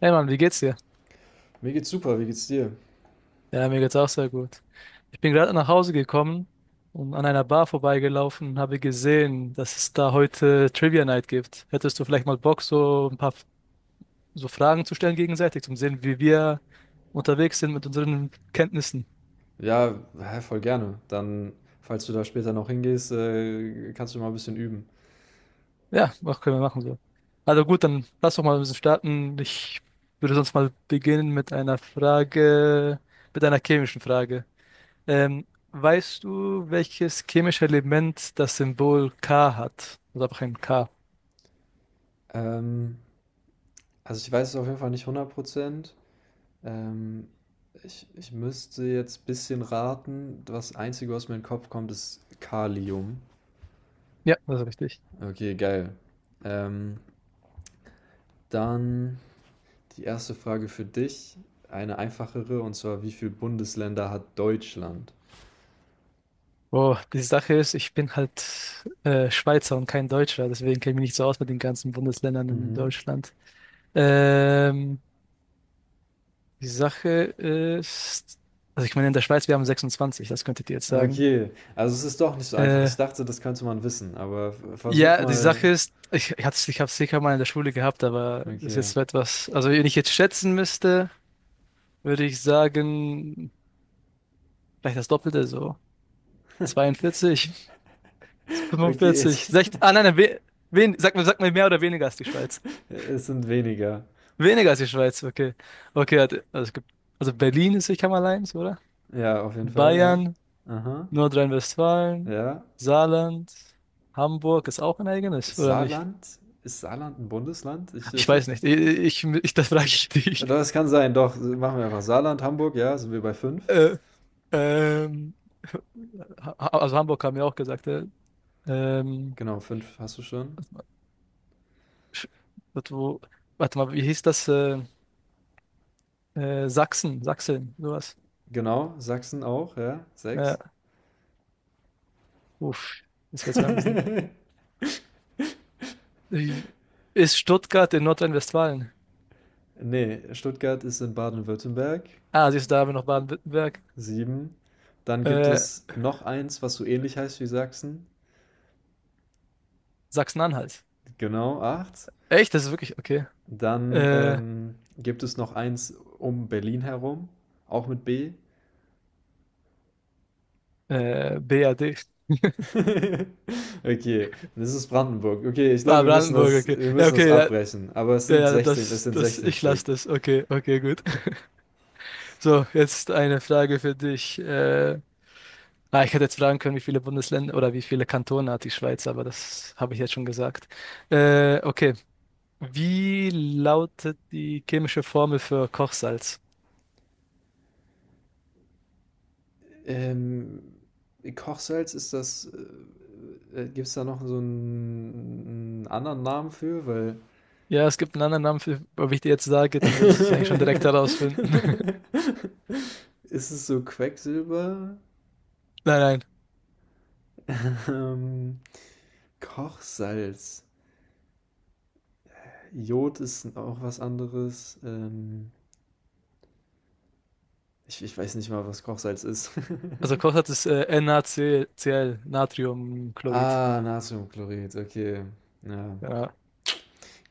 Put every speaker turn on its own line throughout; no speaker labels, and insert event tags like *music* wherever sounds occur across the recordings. Hey Mann, wie geht's dir?
Mir geht's super, wie geht's dir?
Ja, mir geht's auch sehr gut. Ich bin gerade nach Hause gekommen und an einer Bar vorbeigelaufen und habe gesehen, dass es da heute Trivia Night gibt. Hättest du vielleicht mal Bock, so ein paar so Fragen zu stellen gegenseitig, um zu sehen, wie wir unterwegs sind mit unseren Kenntnissen?
Ja, hä, voll gerne. Dann, falls du da später noch hingehst, kannst du mal ein bisschen üben.
Ja, was können wir machen so. Also gut, dann lass doch mal ein bisschen starten. Ich würde sonst mal beginnen mit einer Frage, mit einer chemischen Frage. Ähm, weißt du, welches chemische Element das Symbol K hat? Also einfach ein K.
Ähm, also ich weiß es auf jeden Fall nicht 100%. Ähm, ich müsste jetzt ein bisschen raten. Das Einzige, was mir in den Kopf kommt, ist Kalium.
Ja, das ist richtig.
Okay, geil. Ähm, dann die erste Frage für dich, eine einfachere, und zwar, wie viele Bundesländer hat Deutschland?
Oh, die Sache ist, ich bin halt Schweizer und kein Deutscher, deswegen kenne ich mich nicht so aus mit den ganzen Bundesländern in
Mhm.
Deutschland. Ähm, die Sache ist, also ich meine, in der Schweiz, wir haben 26, das könntet ihr jetzt sagen.
Okay, also es ist doch nicht so einfach. Ich
Äh,
dachte, das könnte man wissen, aber versuch
ja, die
mal.
Sache ist, ich habe es sicher mal in der Schule gehabt, aber das ist
Okay,
jetzt so etwas, also wenn ich jetzt schätzen müsste, würde ich sagen vielleicht das Doppelte, so 42,
okay, *laughs*
45, 60. Ah, nein, nein, sag mal mehr oder weniger als die Schweiz.
es sind weniger.
Weniger als die Schweiz, okay. Okay, also es gibt, also Berlin ist Sicherheitsmalleins, oder?
Ja, auf jeden Fall, ja.
Bayern,
Aha,
Nordrhein-Westfalen,
ja.
Saarland, Hamburg ist auch ein eigenes,
Ist
oder nicht?
Saarland? Ist Saarland ein Bundesland?
Ich
*laughs*
weiß nicht. Ich das frage ich
Ja,
dich.
doch, es
*laughs*
kann sein, doch. Machen wir einfach Saarland, Hamburg, ja, sind wir bei fünf.
Äh, ähm, ha, also Hamburg haben wir auch gesagt. Ähm,
Genau, fünf hast du schon.
Sch- warte, warte mal, wie hieß das? Sachsen, Sachsen, sowas.
Genau, Sachsen auch, ja,
Ja,
sechs.
uff, das wird's mal ein bisschen.
*laughs*
Wie- Ist Stuttgart in Nordrhein-Westfalen?
Nee, Stuttgart ist in Baden-Württemberg.
Ah, siehst du, da haben wir noch Baden-Württemberg.
Sieben. Dann gibt
Äh,
es noch eins, was so ähnlich heißt wie Sachsen.
Sachsen-Anhalt.
Genau, 8.
Echt? Das ist wirklich, okay.
Dann
Äh,
gibt es noch eins um Berlin herum, auch mit B.
BRD.
*laughs* Okay, das ist Brandenburg. Okay, ich glaube,
Ah, Brandenburg, okay.
wir
Ja,
müssen das
okay, ja,
abbrechen. Aber es sind
ja,
16, es sind 16
ich
Stück.
lasse das. Okay, okay, gut. *laughs* So, jetzt eine Frage für dich. Ich hätte jetzt fragen können, wie viele Bundesländer oder wie viele Kantone hat die Schweiz, aber das habe ich jetzt schon gesagt. Okay. Wie lautet die chemische Formel für Kochsalz?
Ähm, Kochsalz ist das, gibt es da noch einen anderen Namen für? Weil
Ja, es gibt einen anderen Namen für, ob ich dir jetzt sage, dann
*laughs*
würdest du es eigentlich schon direkt herausfinden. *laughs*
ist es so Quecksilber?
Nein, nein.
Ähm, Kochsalz. Jod ist auch was anderes. Ich weiß nicht mal, was Kochsalz ist. *laughs*
Also Kochsalz ist NaCl, Natriumchlorid.
Ah, Natriumchlorid, okay. Ja,
Ja.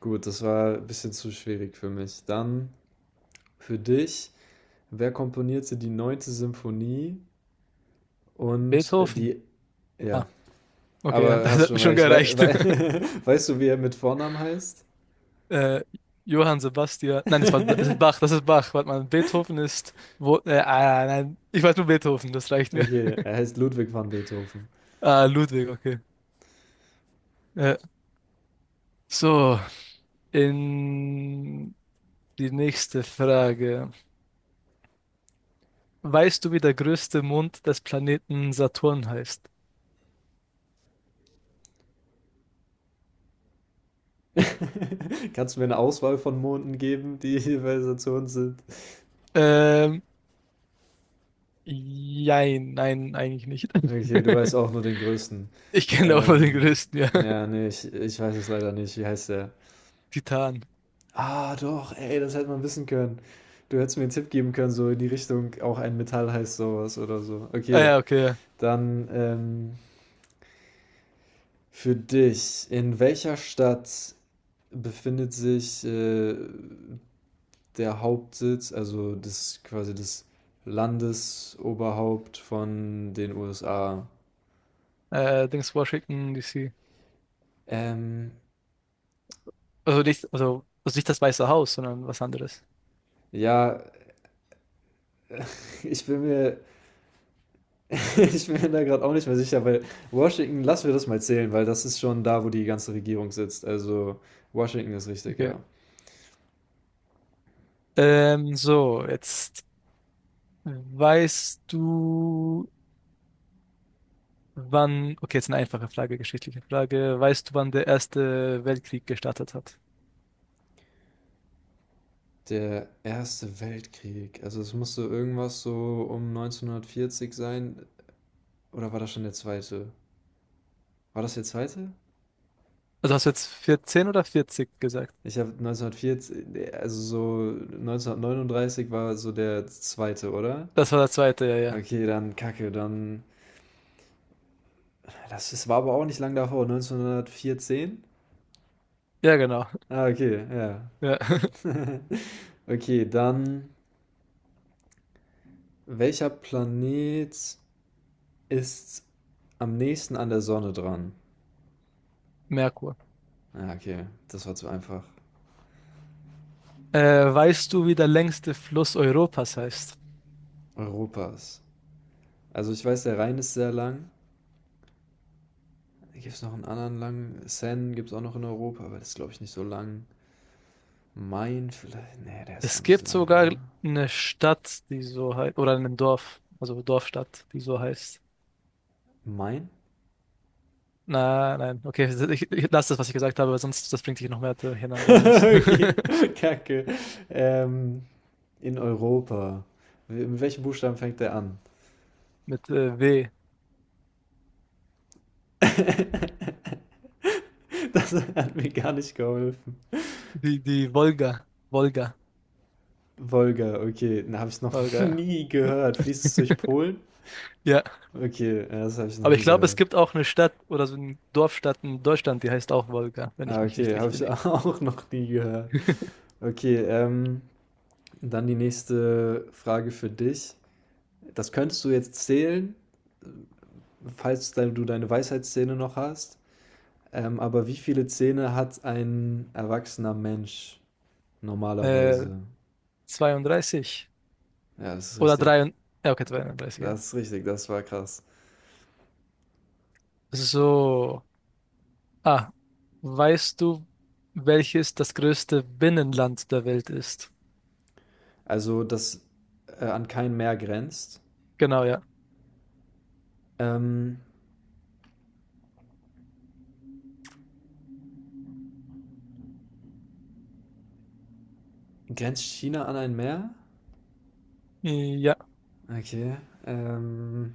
gut, das war ein bisschen zu schwierig für mich. Dann für dich, wer komponierte die neunte Symphonie und
Beethoven. Ah,
ja,
okay, ja, *laughs*
aber
das
hast
hat mir
schon
schon
recht. Wei
gereicht.
wei
*laughs*
*laughs* weißt du, wie er mit Vornamen heißt?
äh, Johann Sebastian. Nein, das ist
Okay,
Bach, das ist Bach. Warte mal, Beethoven ist. Nein, ich weiß nur Beethoven, das reicht mir. *laughs*
er heißt Ludwig van Beethoven.
Ah, Ludwig, okay. Äh, so, in die nächste Frage. Weißt du, wie der größte Mond des Planeten Saturn heißt?
*laughs* Kannst du mir eine Auswahl von Monden geben, die jeweils dazu uns sind?
Ähm, jein, nein, eigentlich nicht.
Okay, du weißt auch
*laughs*
nur den größten.
Ich kenne auch nur den
Ähm,
größten, ja. *laughs*
ja, nee, ich weiß es leider nicht. Wie heißt der?
Titan.
Ah, doch, ey, das hätte man wissen können. Du hättest mir einen Tipp geben können, so in die Richtung, auch ein Metall heißt sowas oder so.
Ah
Okay,
ja, okay.
dann für dich. In welcher Stadt befindet sich der Hauptsitz, also das quasi das Landesoberhaupt von den USA.
Ja. Dings Washington, DC.
Ähm,
Also nicht das Weiße Haus, sondern was anderes.
ja, *laughs* ich bin mir, *laughs* ich bin mir da gerade auch nicht mehr sicher, weil Washington, lassen wir das mal zählen, weil das ist schon da, wo die ganze Regierung sitzt. Also Washington ist richtig,
Okay.
ja.
So, jetzt weißt du, wann. Okay, jetzt eine einfache Frage, geschichtliche Frage. Weißt du, wann der Erste Weltkrieg gestartet hat?
Der Erste Weltkrieg, also es musste irgendwas so um 1940 sein, oder war das schon der zweite? War das der zweite?
Also hast du jetzt 14 oder 40 gesagt?
Ich habe 1940, also so 1939 war so der zweite, oder?
Das war der zweite, ja, ja.
Okay, dann Kacke, dann. Das war aber auch nicht lang davor, 1914?
Ja, genau.
Ah, okay, ja.
Ja. *laughs*
*laughs* Okay, dann. Welcher Planet ist am nächsten an der Sonne dran?
Merkur.
Ah, okay, das war zu einfach.
Äh, weißt du, wie der längste Fluss Europas heißt?
Europas. Also ich weiß, der Rhein ist sehr lang. Gibt es noch einen anderen langen? Seine gibt es auch noch in Europa, aber das ist, glaube ich, nicht so lang. Mein vielleicht. Nee, der ist auch
Es
nicht
gibt
lang,
sogar
oder?
eine Stadt, die so heißt, oder ein Dorf, also Dorfstadt, die so heißt.
Mein? *laughs*
Na, nein, okay, *laughs* ich lasse das, was ich gesagt habe, weil sonst das bringt dich noch mehr durcheinander, sonst
Okay, *laughs* kacke. Ähm, in Europa. Mit welchem Buchstaben fängt der an?
*laughs* mit W.
*laughs* Das hat mir gar nicht geholfen.
Die Wolga, Wolga,
Wolga, okay, da habe ich noch *laughs*
Wolga.
nie
Ja,
gehört. Fließt es durch Polen?
ja,
Okay, ja, das habe ich noch
aber ich
nie
glaube, es
gehört.
gibt auch eine Stadt oder so eine Dorfstadt in Deutschland, die heißt auch Wolga, wenn
Ah,
ich mich nicht
okay, habe
richtig
ich *laughs*
erinnere.
auch noch nie gehört. Okay, dann die nächste Frage für dich. Das könntest du jetzt zählen, falls du deine Weisheitszähne noch hast. Aber wie viele Zähne hat ein erwachsener Mensch
Äh,
normalerweise?
32.
Ja, das ist
Oder
richtig.
drei ja, okay, 33 ja.
Das ist richtig, das war krass.
So, ah, weißt du, welches das größte Binnenland der Welt ist?
Also, das an kein Meer grenzt.
Genau, ja.
Ähm, grenzt China an ein Meer?
Ja,
Okay. Ähm,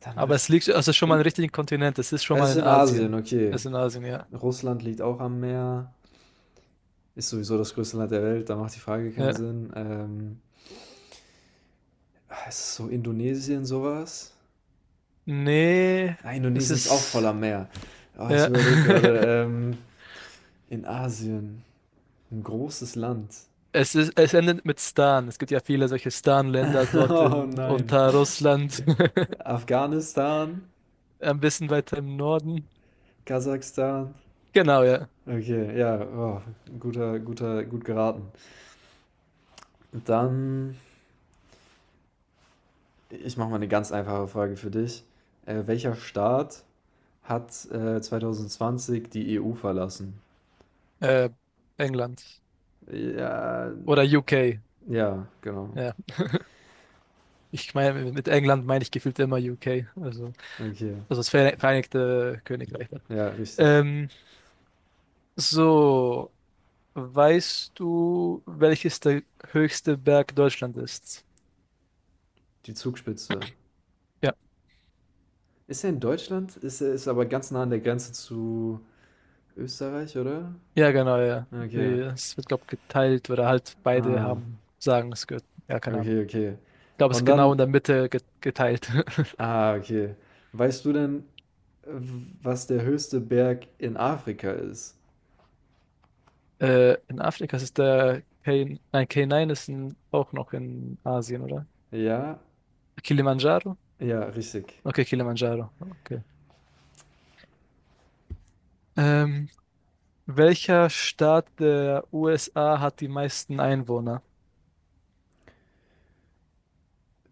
dann
aber
würde
es liegt, also schon mal
ich.
im richtigen Kontinent, es ist schon
Es
mal
ist
in
in Asien,
Asien.
okay.
Es ist in Asien, ja.
Russland liegt auch am Meer. Ist sowieso das größte Land der Welt, da macht die Frage keinen
Ja.
Sinn. Ist es so Indonesien sowas?
Nee,
Ah,
es
Indonesien ist auch voller
ist,
Meer. Oh, ich
ja.
überlege gerade,
*laughs*
in Asien, ein großes Land.
Es endet mit Stan. Es gibt ja viele solche Stan-Länder
*laughs*
dort
Oh
in,
nein.
unter Russland, *laughs*
Afghanistan,
ein bisschen weiter im Norden.
Kasachstan.
Genau, ja.
Okay, ja, oh, gut geraten. Dann, ich mache mal eine ganz einfache Frage für dich. Welcher Staat hat 2020 die EU verlassen?
Äh, England.
Ja,
Oder UK.
ja, genau.
Ja. Ich meine, mit England meine ich gefühlt immer UK, also,
Okay,
das Vereinigte Königreich. Ne?
ja, richtig.
Ähm, so, weißt du, welches der höchste Berg Deutschland ist?
Die Zugspitze.
Ja,
Ist er in Deutschland? Ist er ist aber ganz nah an der Grenze zu Österreich, oder?
ja, genau, ja.
Okay.
Es wird, glaube ich, geteilt oder halt beide
Ah,
haben, sagen, es gehört, ja, keine Ahnung.
okay, okay.
Ich glaube, es
Und
ist genau
dann,
in der Mitte geteilt. *laughs*
ah, okay. Weißt du denn, was der höchste Berg in Afrika ist?
In Afrika ist es der K, nein, K9 ist in, auch noch in Asien, oder?
Ja,
Kilimanjaro?
ja, richtig.
Okay, Kilimanjaro. Okay. Ähm, welcher Staat der USA hat die meisten Einwohner?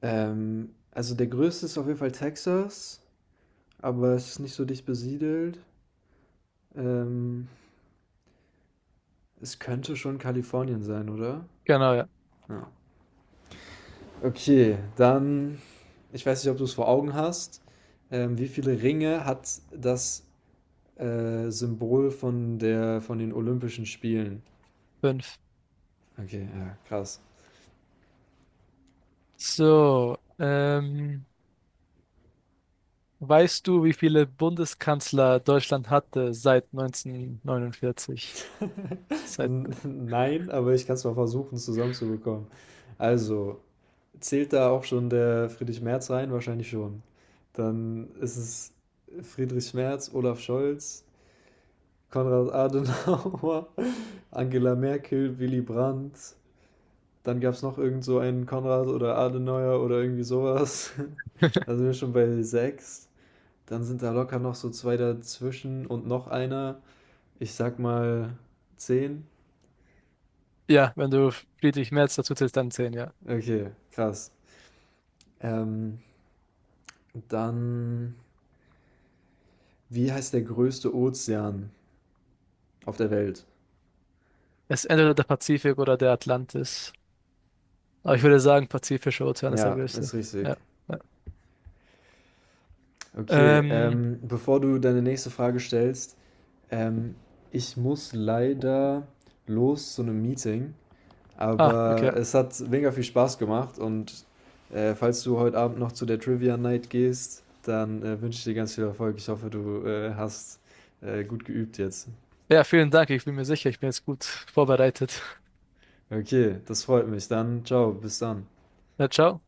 Also der größte ist auf jeden Fall Texas, aber es ist nicht so dicht besiedelt. Ähm, es könnte schon Kalifornien sein, oder?
Genau, ja.
Ja. Okay, dann, ich weiß nicht, ob du es vor Augen hast. Wie viele Ringe hat das Symbol von den Olympischen Spielen?
Fünf.
Okay, ja, krass.
So, weißt du, wie viele Bundeskanzler Deutschland hatte seit 1949?
*laughs*
Seit,
Nein, aber ich kann es mal versuchen, zusammenzubekommen. Also, zählt da auch schon der Friedrich Merz rein? Wahrscheinlich schon. Dann ist es Friedrich Merz, Olaf Scholz, Konrad Adenauer, *laughs* Angela Merkel, Willy Brandt. Dann gab es noch irgend so einen Konrad oder Adenauer oder irgendwie sowas. *laughs* Da sind wir schon bei sechs. Dann sind da locker noch so zwei dazwischen und noch einer. Ich sag mal 10.
ja, wenn du Friedrich Merz dazu zählst, dann zehn, ja.
Okay, krass. Ähm, dann, wie heißt der größte Ozean auf der Welt?
Es ist entweder der Pazifik oder der Atlantis. Aber ich würde sagen, Pazifischer Ozean ist der
Ja,
größte.
ist
Ja.
richtig.
Ja.
Okay,
Ähm,
bevor du deine nächste Frage stellst, ähm, ich muss leider los zu einem Meeting. Aber
okay.
es hat mega viel Spaß gemacht und falls du heute Abend noch zu der Trivia Night gehst, dann wünsche ich dir ganz viel Erfolg. Ich hoffe, du hast gut geübt jetzt.
Ja, vielen Dank. Ich bin mir sicher, ich bin jetzt gut vorbereitet.
Okay, das freut mich. Dann ciao, bis dann.
Na, ciao.